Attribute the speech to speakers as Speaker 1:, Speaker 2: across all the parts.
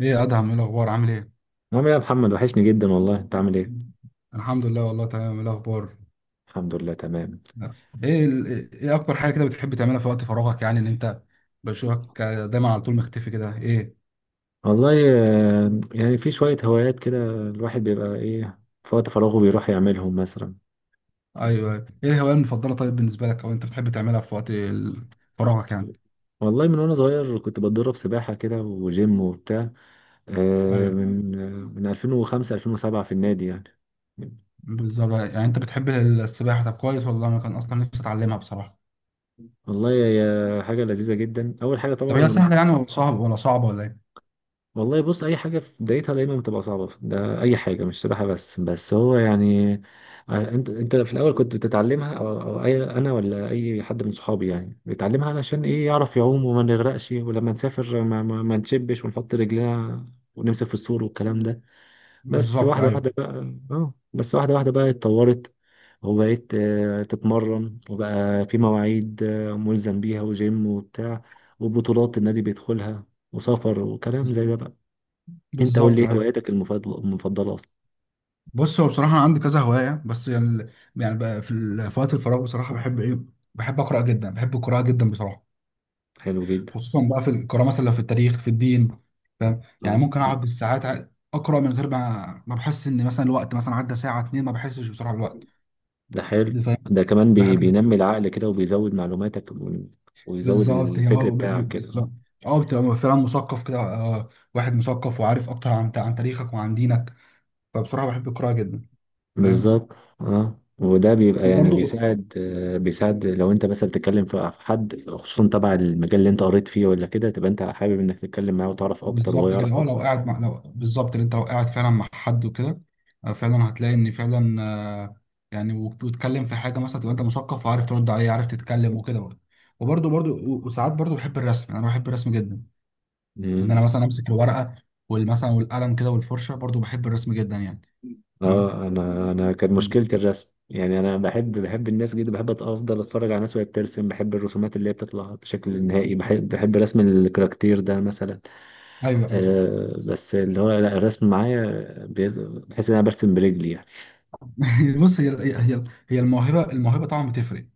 Speaker 1: ايه يا ادهم، ايه الاخبار؟ عامل ايه؟
Speaker 2: عامل ايه يا محمد، وحشني جدا والله. انت عامل ايه؟
Speaker 1: الحمد لله، والله تمام. ايه الاخبار؟
Speaker 2: الحمد لله تمام.
Speaker 1: ايه اكتر حاجه كده بتحب تعملها في وقت فراغك؟ يعني ان انت بشوفك دايما على طول مختفي كده. ايه؟
Speaker 2: والله يعني في شوية هوايات كده الواحد بيبقى ايه في وقت فراغه بيروح يعملهم مثلا.
Speaker 1: ايوه أيوه. ايه الهوايه المفضله طيب بالنسبه لك، او انت بتحب تعملها في وقت فراغك يعني؟
Speaker 2: والله من وانا صغير كنت بتدرب سباحة كده وجيم وبتاع. آه،
Speaker 1: ايوه
Speaker 2: من من 2005 2007 في النادي يعني.
Speaker 1: بالظبط، يعني انت بتحب السباحه؟ طب كويس، والله انا كان اصلا نفسي اتعلمها بصراحه.
Speaker 2: والله هي حاجة لذيذة جدا أول حاجة
Speaker 1: طب هي
Speaker 2: طبعا.
Speaker 1: سهله يعني ولا صعبه ولا ايه؟
Speaker 2: والله بص، اي حاجه في بدايتها دايما بتبقى صعبه، ده اي حاجه مش سباحه بس. بس هو يعني انت في الاول كنت بتتعلمها أو أي انا ولا اي حد من صحابي يعني بيتعلمها علشان ايه، يعرف يعوم وما نغرقش، ولما نسافر ما نشبش ونحط رجلنا ونمسك في السور والكلام ده. بس
Speaker 1: بالظبط
Speaker 2: واحده واحده
Speaker 1: ايوه،
Speaker 2: بقى. اتطورت، وبقيت تتمرن، وبقى في مواعيد ملزم بيها، وجيم وبتاع وبطولات النادي بيدخلها، وسفر وكلام زي ده بقى. انت قول لي،
Speaker 1: بالظبط
Speaker 2: ايه
Speaker 1: ايوه.
Speaker 2: هواياتك المفضله؟ اصلا.
Speaker 1: بص، هو بصراحة أنا عندي كذا هواية، بس يعني يعني بقى في وقت الفراغ بصراحة بحب إيه؟ بحب أقرأ جدا، بحب القراءة جدا بصراحة.
Speaker 2: حلو جدا.
Speaker 1: خصوصا بقى في القراءة، مثلا لو في التاريخ في الدين. فاهم؟ يعني
Speaker 2: اه،
Speaker 1: ممكن أقعد بالساعات أقرأ من غير ما بحس إن مثلا الوقت مثلا عدى ساعة اتنين، ما بحسش بصراحة بالوقت
Speaker 2: ده حلو.
Speaker 1: دي. فاهم.
Speaker 2: ده كمان
Speaker 1: بحب.
Speaker 2: بينمي العقل كده وبيزود معلوماتك، و... ويزود
Speaker 1: بالظبط. هي
Speaker 2: الفكر بتاعك كده.
Speaker 1: بالظبط. أه، بتبقى فعلا مثقف كده، واحد مثقف وعارف أكتر عن تاريخك وعن دينك. فبصراحة بحب القراءة جدا. فاهم.
Speaker 2: بالظبط. اه، وده بيبقى يعني
Speaker 1: وبرضه.
Speaker 2: بيساعد. بيساعد لو انت مثلا بتتكلم في حد، خصوصا تبع المجال اللي انت قريت فيه ولا كده، تبقى انت حابب انك تتكلم معاه وتعرف اكتر وهو
Speaker 1: بالظبط كده،
Speaker 2: يعرف
Speaker 1: هو لو
Speaker 2: اكتر.
Speaker 1: قاعد مع لو بالظبط اللي انت لو قاعد فعلا مع حد وكده، فعلا هتلاقي ان فعلا آه، يعني وتتكلم في حاجه مثلا، تبقى انت مثقف وعارف ترد عليه، عارف تتكلم وكده برضه. وبرضه برضه وساعات برضه بحب الرسم. يعني انا بحب الرسم جدا. ان
Speaker 2: مم.
Speaker 1: انا مثلا امسك الورقه والمثلا والقلم كده والفرشه، برضه بحب الرسم جدا يعني. فاهم.
Speaker 2: اه، انا كانت
Speaker 1: مم.
Speaker 2: مشكلتي الرسم يعني. انا بحب الناس جدا، بحب افضل اتفرج على ناس وهي بترسم. بحب الرسومات اللي هي بتطلع بشكل نهائي، بحب رسم الكاركتير ده مثلا.
Speaker 1: ايوه ايوه.
Speaker 2: آه، بس اللي هو لا، الرسم معايا بحس ان انا برسم برجلي يعني.
Speaker 1: بص، هي هي الموهبه، طبعا بتفرق.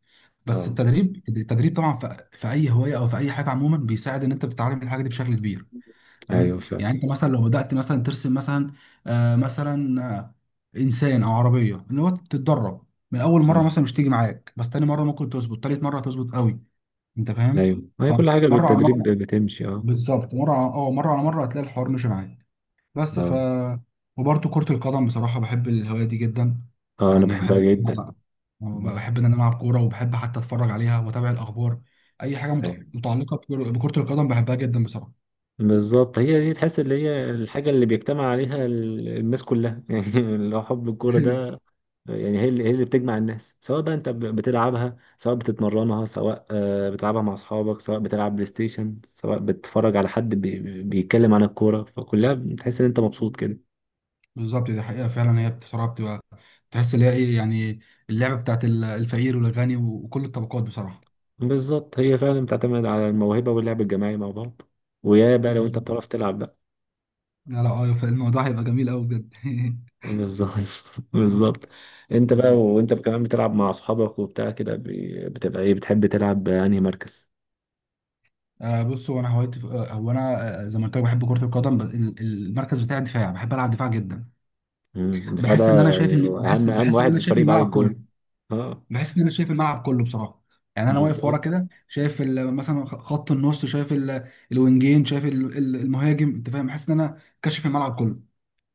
Speaker 1: بس
Speaker 2: اه
Speaker 1: التدريب، طبعا في اي هوايه او في اي حاجه عموما بيساعد ان انت بتتعلم الحاجه دي بشكل كبير. فاهم؟
Speaker 2: ايوه فعلا.
Speaker 1: يعني انت مثلا لو بدات مثلا ترسم مثلا مثلا انسان او عربيه، ان هو تتدرب من اول مره مثلا
Speaker 2: مم.
Speaker 1: مش تيجي معاك، بس تاني مره ممكن تظبط، تالت مره تظبط قوي. انت فاهم؟
Speaker 2: ايوه، ما هي كل حاجه
Speaker 1: فمره على
Speaker 2: بالتدريب
Speaker 1: مره.
Speaker 2: بتمشي، اه
Speaker 1: بالظبط، مره على مره هتلاقي الحوار مش معاك بس.
Speaker 2: اه
Speaker 1: وبرده كره القدم بصراحه، بحب الهوايه دي جدا.
Speaker 2: اه، انا
Speaker 1: يعني
Speaker 2: بحبها
Speaker 1: بحب،
Speaker 2: جدا. مم.
Speaker 1: بحب ان انا العب كوره، وبحب حتى اتفرج عليها واتابع الاخبار. اي حاجه
Speaker 2: ايوه.
Speaker 1: متعلقه بكرة القدم بحبها جدا بصراحه.
Speaker 2: بالظبط، هي دي. تحس اللي هي الحاجة اللي بيجتمع عليها الناس كلها يعني لو حب الكورة ده. يعني هي اللي بتجمع الناس، سواء بقى انت بتلعبها، سواء بتتمرنها، سواء بتلعبها مع اصحابك، سواء بتلعب بلاي ستيشن، سواء بتتفرج على حد بيتكلم عن الكورة. فكلها بتحس ان انت مبسوط كده.
Speaker 1: بالظبط، دي حقيقة فعلا. هي بصراحة بتبقى، تحس اللي هي ايه يعني، اللعبة بتاعت الفقير والغني وكل الطبقات بصراحة.
Speaker 2: بالظبط، هي فعلا بتعتمد على الموهبة واللعب الجماعي مع بعض، ويا بقى لو انت
Speaker 1: بالظبط.
Speaker 2: بتعرف تلعب بقى.
Speaker 1: لا لا، ايوه، فالموضوع هيبقى جميل قوي بجد.
Speaker 2: بالظبط بالظبط. انت بقى،
Speaker 1: بالظبط.
Speaker 2: وانت كمان بتلعب مع اصحابك وبتاع كده، بتبقى ايه، بتحب تلعب انهي مركز؟
Speaker 1: آه بص، هو انا هوايتي في- آه، هو انا آه، زي ما قلت لك بحب كرة القدم. بس المركز بتاعي دفاع، بحب العب دفاع جدا.
Speaker 2: مم. فده
Speaker 1: بحس ان انا شايف
Speaker 2: يعني
Speaker 1: بحس
Speaker 2: اهم
Speaker 1: بحس ان
Speaker 2: واحد في
Speaker 1: انا شايف
Speaker 2: الفريق بعد
Speaker 1: الملعب كله.
Speaker 2: الجون، اه.
Speaker 1: بحس ان انا شايف الملعب كله بصراحة. يعني انا واقف ورا
Speaker 2: بالظبط،
Speaker 1: كده، شايف خط النص، شايف الوينجين، شايف المهاجم. انت فاهم؟ بحس ان انا كاشف الملعب كله.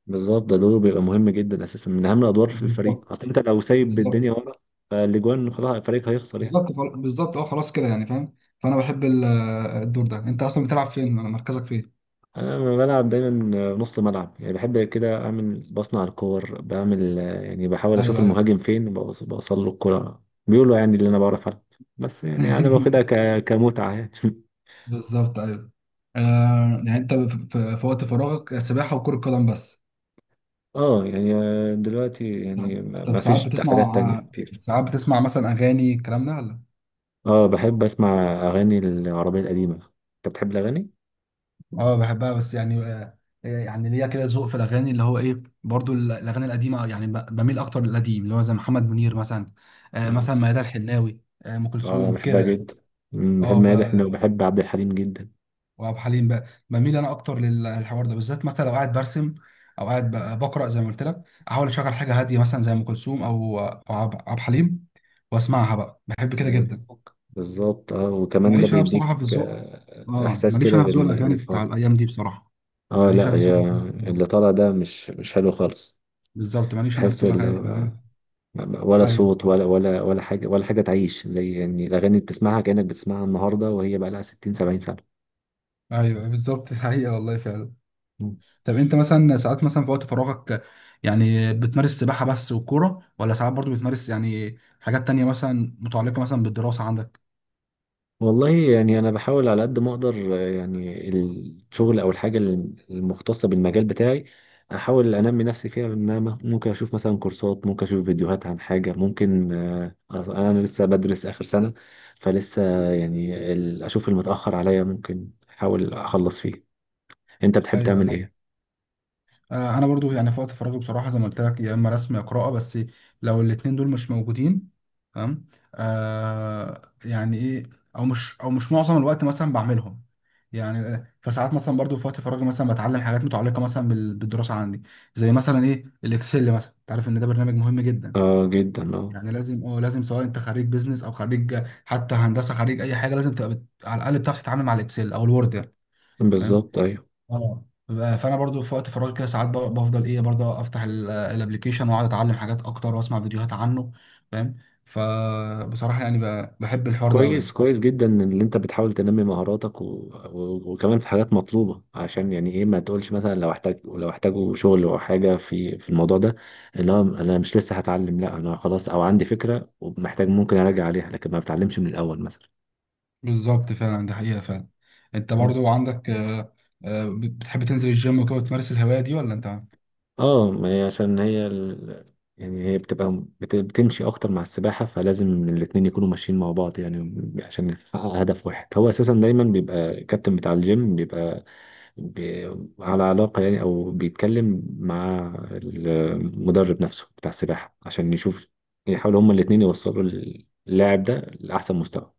Speaker 2: بالظبط، ده دوره بيبقى مهم جدا اساسا، من اهم الادوار في
Speaker 1: بالظبط.
Speaker 2: الفريق، اصل انت لو سايب
Speaker 1: بالظبط.
Speaker 2: الدنيا ورا فالاجوان خلاص الفريق هيخسر يعني.
Speaker 1: بالظبط، اه، خلاص كده يعني، فاهم. فانا بحب الدور ده. انت اصلا بتلعب فين ولا مركزك فين؟
Speaker 2: انا لما بلعب دايما نص ملعب. يعني بحب كده اعمل، بصنع الكور، بعمل يعني بحاول اشوف
Speaker 1: ايوه ايوه.
Speaker 2: المهاجم فين، بوصل له الكرة، بيقولوا يعني اللي انا بعرف ألعب. بس يعني انا باخدها كمتعة يعني
Speaker 1: بالظبط ايوه. آه يعني انت في وقت فراغك سباحه وكره قدم بس؟
Speaker 2: اه يعني دلوقتي
Speaker 1: طب،
Speaker 2: يعني،
Speaker 1: طب
Speaker 2: ما
Speaker 1: ساعات
Speaker 2: فيش
Speaker 1: بتسمع،
Speaker 2: حاجات تانية كتير.
Speaker 1: ساعات بتسمع مثلا اغاني الكلام ده ولا؟
Speaker 2: اه، بحب اسمع اغاني العربية القديمة. انت بتحب الاغاني؟
Speaker 1: اه بحبها، بس يعني يعني ليا كده ذوق في الاغاني اللي هو ايه؟ برضو الاغاني القديمه يعني، بميل اكتر للقديم، اللي هو زي محمد منير مثلا،
Speaker 2: آه.
Speaker 1: مثلا ميادة الحناوي، آه ام
Speaker 2: اه
Speaker 1: كلثوم
Speaker 2: بحبها
Speaker 1: كده يعني.
Speaker 2: جدا. مم، بحب
Speaker 1: اه.
Speaker 2: مادة حناوي وبحب عبد الحليم جدا.
Speaker 1: وعبد الحليم بقى بميل انا اكتر للحوار ده بالذات، مثلا لو قاعد برسم، او قاعد بقرا زي ما قلت لك، احاول اشغل حاجه هاديه مثلا زي ام كلثوم او عبد الحليم، واسمعها بقى، بحب كده جدا.
Speaker 2: بالظبط. اه، وكمان ده
Speaker 1: ماليش انا
Speaker 2: بيديك
Speaker 1: بصراحه في الذوق. اه،
Speaker 2: احساس
Speaker 1: ماليش
Speaker 2: كده
Speaker 1: انا في ذوق الاغاني بتاع
Speaker 2: بالفاضي.
Speaker 1: الايام دي بصراحه.
Speaker 2: اه
Speaker 1: ماليش
Speaker 2: لا،
Speaker 1: انا في ذوق.
Speaker 2: هي اللي طالع ده مش حلو خالص.
Speaker 1: بالظبط، ماليش انا في
Speaker 2: تحس
Speaker 1: ذوق
Speaker 2: اللي هو
Speaker 1: الاغاني.
Speaker 2: ولا
Speaker 1: ايوه
Speaker 2: صوت ولا حاجة. ولا حاجة تعيش زي يعني الأغاني اللي بتسمعها، كأنك بتسمعها النهاردة وهي بقى لها 60 70 سنة.
Speaker 1: ايوه أيوه، بالظبط. الحقيقه والله فعلا. طب انت مثلا ساعات، مثلا في وقت فراغك، يعني بتمارس سباحة بس والكورة، ولا ساعات برضو بتمارس يعني حاجات تانية مثلا متعلقة مثلا بالدراسة عندك؟
Speaker 2: والله يعني أنا بحاول على قد ما أقدر. يعني الشغل أو الحاجة المختصة بالمجال بتاعي أحاول أنمي نفسي فيها. إن أنا ممكن أشوف مثلا كورسات، ممكن أشوف فيديوهات عن حاجة ممكن. أنا لسه بدرس آخر سنة، فلسه يعني أشوف المتأخر عليا ممكن أحاول أخلص فيه. أنت بتحب
Speaker 1: ايوه
Speaker 2: تعمل
Speaker 1: ايوه.
Speaker 2: إيه؟
Speaker 1: آه انا برضو يعني في وقت فراغي بصراحة، زي ما قلت لك، يا اما رسم يا قراءة. بس لو الاتنين دول مش موجودين، تمام، آه يعني ايه، او مش معظم الوقت مثلا بعملهم يعني. فساعات مثلا برضو في وقت فراغي مثلا بتعلم حاجات متعلقة مثلا بالدراسة عندي. زي مثلا ايه الاكسل مثلا، انت عارف ان ده برنامج مهم جدا،
Speaker 2: آه جدا، آه.
Speaker 1: يعني لازم، اه لازم، سواء انت خريج بيزنس او خريج حتى هندسه، خريج اي حاجه لازم تبقى على الاقل بتعرف تتعامل مع الاكسل او الوورد يعني. فاهم؟
Speaker 2: بالظبط أيوه.
Speaker 1: اه. فانا برضو في وقت فراغي كده ساعات بفضل ايه، برضو افتح الابلكيشن واقعد اتعلم حاجات اكتر واسمع فيديوهات عنه. فاهم؟ فبصراحه يعني بحب الحوار ده قوي
Speaker 2: كويس،
Speaker 1: يعني.
Speaker 2: كويس جدا ان انت بتحاول تنمي مهاراتك، و... و... وكمان في حاجات مطلوبه، عشان يعني ايه، ما تقولش مثلا لو احتاجوا شغل او حاجه في الموضوع ده، اللي هو انا مش لسه هتعلم، لا انا خلاص، او عندي فكره ومحتاج ممكن اراجع عليها، لكن ما بتعلمش من الاول مثلا.
Speaker 1: بالظبط فعلا، دي حقيقه فعلا. انت
Speaker 2: مم.
Speaker 1: برضو عندك بتحب تنزل الجيم وكده وتمارس الهوايه دي ولا انت؟
Speaker 2: اه، ما هي عشان هي يعني هي بتبقى بتمشي اكتر مع السباحه، فلازم الاتنين يكونوا ماشيين مع بعض يعني عشان نحقق هدف واحد. هو اساسا دايما بيبقى الكابتن بتاع الجيم بيبقى على علاقة يعني، أو بيتكلم مع المدرب نفسه بتاع السباحة، عشان يشوف، يحاولوا هما الاتنين يوصلوا اللاعب ده لأحسن مستوى.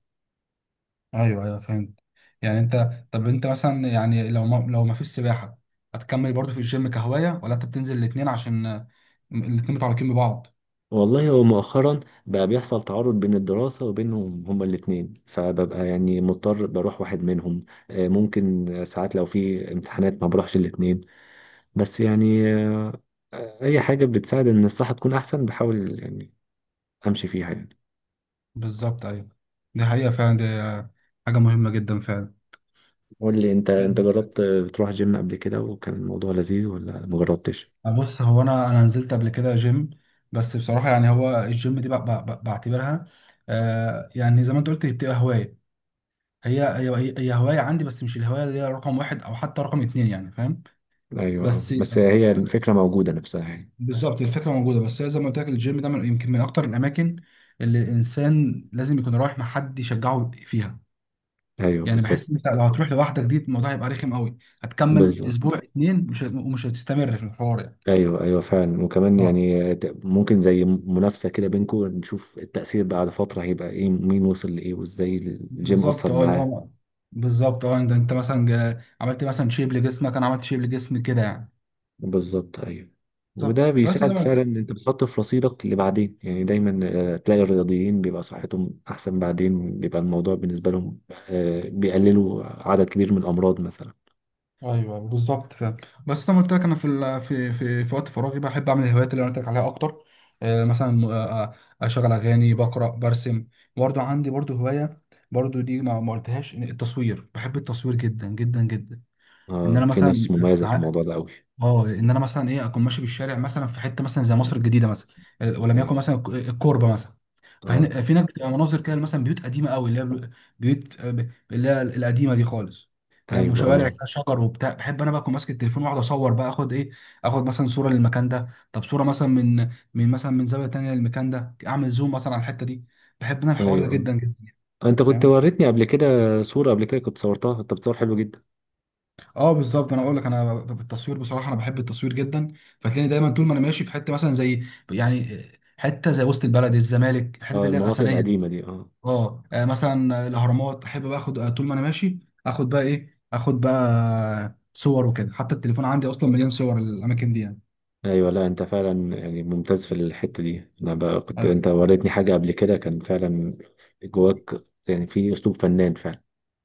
Speaker 1: ايوه ايوه، فهمت. يعني انت، طب انت مثلا يعني لو ما فيش سباحه، هتكمل برضو في الجيم كهوايه، ولا انت بتنزل الاثنين عشان الاتنين متعلقين ببعض؟
Speaker 2: والله، هو مؤخرا بقى بيحصل تعارض بين الدراسة وبينهم هما الاتنين، فببقى يعني مضطر بروح واحد منهم. ممكن ساعات لو في امتحانات ما بروحش الاتنين، بس يعني أي حاجة بتساعد إن الصحة تكون أحسن بحاول يعني أمشي فيها يعني.
Speaker 1: بالظبط ايوه. دي حقيقه فعلا، دي حاجه مهمه جدا فعلا.
Speaker 2: قول لي انت، انت جربت بتروح جيم قبل كده، وكان الموضوع لذيذ ولا مجربتش؟
Speaker 1: بص هو انا، نزلت قبل كده جيم، بس بصراحه يعني، هو الجيم دي بعتبرها يعني زي ما انت قلت هي بتبقى هوايه. هي هوايه عندي، بس مش الهوايه اللي هي رقم واحد او حتى رقم اتنين يعني، فاهم؟
Speaker 2: ايوه اه.
Speaker 1: بس.
Speaker 2: بس هي الفكره موجوده نفسها يعني.
Speaker 1: بالظبط، الفكره موجوده، بس هي زي ما قلت لك، الجيم ده من يمكن من اكتر الاماكن اللي الانسان لازم يكون رايح مع حد يشجعه فيها.
Speaker 2: ايوه،
Speaker 1: يعني بحس
Speaker 2: بالظبط،
Speaker 1: انت لو هتروح لوحدك دي، الموضوع هيبقى رخم قوي، هتكمل
Speaker 2: بالظبط.
Speaker 1: اسبوع اتنين، مش ومش هتستمر في الحوار يعني.
Speaker 2: ايوه ايوه فعلا. وكمان
Speaker 1: اه.
Speaker 2: يعني ممكن زي منافسه كده بينكم، نشوف التاثير بعد فتره هيبقى ايه، مين وصل لايه وازاي الجيم
Speaker 1: بالظبط
Speaker 2: اثر
Speaker 1: اه اللي
Speaker 2: معاه.
Speaker 1: هو، بالظبط اه، انت مثلا عملت مثلا شيب لجسمك، انا عملت شيب لجسمي كده يعني.
Speaker 2: بالظبط ايوه،
Speaker 1: بالظبط.
Speaker 2: وده
Speaker 1: بس ده.
Speaker 2: بيساعد فعلا ان انت بتحط في رصيدك اللي بعدين يعني. دايما تلاقي الرياضيين بيبقى صحتهم احسن بعدين، بيبقى الموضوع بالنسبه لهم بيقللوا عدد كبير من الامراض مثلا.
Speaker 1: ايوه بالظبط فعلا. بس انا قلت لك انا في ال- في في في وقت فراغي بحب اعمل الهوايات اللي انا قلت لك عليها اكتر، آه، مثلا آه، آه، اشغل اغاني، بقرا، برسم. برضو عندي برضو هوايه، برضو دي ما قلتهاش، إن التصوير، بحب التصوير جدا جدا جدا. ان
Speaker 2: اه،
Speaker 1: انا
Speaker 2: في
Speaker 1: مثلا
Speaker 2: ناس مميزه في
Speaker 1: ع-
Speaker 2: الموضوع ده قوي.
Speaker 1: اه ان انا مثلا ايه، اكون ماشي بالشارع مثلا في حته مثلا زي مصر الجديده مثلا، ولم يكن
Speaker 2: ايوه
Speaker 1: مثلا الكوربه مثلا.
Speaker 2: اه،
Speaker 1: فهنا في هناك بتبقى مناظر كده، مثلا بيوت قديمه قوي، اللي هي بيوت، اللي هي القديمه دي خالص. فاهم؟
Speaker 2: ايوه اه،
Speaker 1: وشوارع كده، شجر وبتاع، بحب انا بقى اكون ماسك التليفون واقعد اصور بقى، اخد ايه، اخد مثلا صوره للمكان ده، طب صوره مثلا من مثلا من زاويه تانيه للمكان ده، اعمل زوم مثلا على الحته دي. بحب انا الحوار ده
Speaker 2: ايوه
Speaker 1: جدا جدا.
Speaker 2: اه. انت كنت
Speaker 1: فاهم.
Speaker 2: وريتني قبل كده صوره، قبل كده كنت صورتها، انت بتصور حلو جدا.
Speaker 1: اه بالظبط، انا اقول لك، انا بالتصوير بصراحه، انا بحب التصوير جدا. فتلاقيني دايما طول ما انا ماشي في حته مثلا زي يعني حته زي وسط البلد، الزمالك، الحته
Speaker 2: اه،
Speaker 1: اللي هي
Speaker 2: المناطق
Speaker 1: الاثريه دي.
Speaker 2: القديمه دي، اه.
Speaker 1: اه، مثلا الاهرامات، احب بقى اخد، طول ما انا ماشي اخد بقى ايه، اخد بقى صور وكده. حتى التليفون عندي اصلا مليان صور الاماكن دي يعني.
Speaker 2: ايوه، لا انت فعلا يعني ممتاز في الحته دي. انا بقى كنت،
Speaker 1: آه،
Speaker 2: انت وريتني حاجه قبل كده كان فعلا جواك يعني في اسلوب فنان فعلا.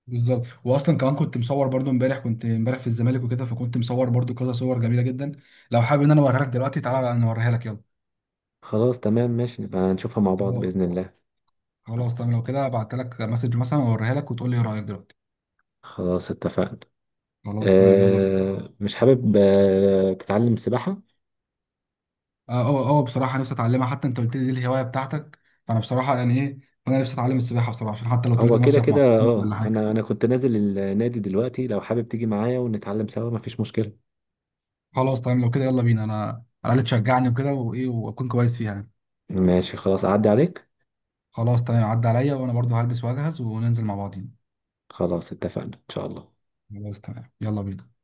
Speaker 1: بالظبط. واصلا كمان كنت مصور برضو امبارح، كنت امبارح في الزمالك وكده، فكنت مصور برضو كذا صور جميله جدا. لو حابب ان انا اوريها لك دلوقتي، تعالى نوريها لك.
Speaker 2: خلاص تمام ماشي، نبقى هنشوفها مع بعض
Speaker 1: يلا.
Speaker 2: باذن الله.
Speaker 1: خلاص تمام، لو كده بعت لك مسج مثلا واوريها لك، وتقول لي ايه رايك دلوقتي.
Speaker 2: خلاص اتفقنا.
Speaker 1: خلاص تمام، يلا بينا.
Speaker 2: أه، مش حابب أه تتعلم سباحه؟
Speaker 1: اه اه اه، بصراحه نفسي اتعلمها، حتى انت قلت لي دي الهوايه بتاعتك. فانا بصراحه يعني ايه، فانا نفسي اتعلم السباحه بصراحه، عشان حتى لو طلعت
Speaker 2: هو كده
Speaker 1: مصيف مع
Speaker 2: كده
Speaker 1: صحابي
Speaker 2: اه.
Speaker 1: ولا حاجه.
Speaker 2: انا كنت نازل النادي دلوقتي، لو حابب تيجي معايا ونتعلم سوا مفيش مشكله.
Speaker 1: خلاص تمام، لو كده يلا بينا، انا على الاقل تشجعني وكده، وايه، واكون كويس فيها يعني.
Speaker 2: ماشي خلاص، اعدي عليك.
Speaker 1: خلاص تمام، عدى عليا وانا برضو هلبس واجهز وننزل مع بعضين.
Speaker 2: خلاص اتفقنا ان شاء الله.
Speaker 1: خلاص تمام، يلا بينا.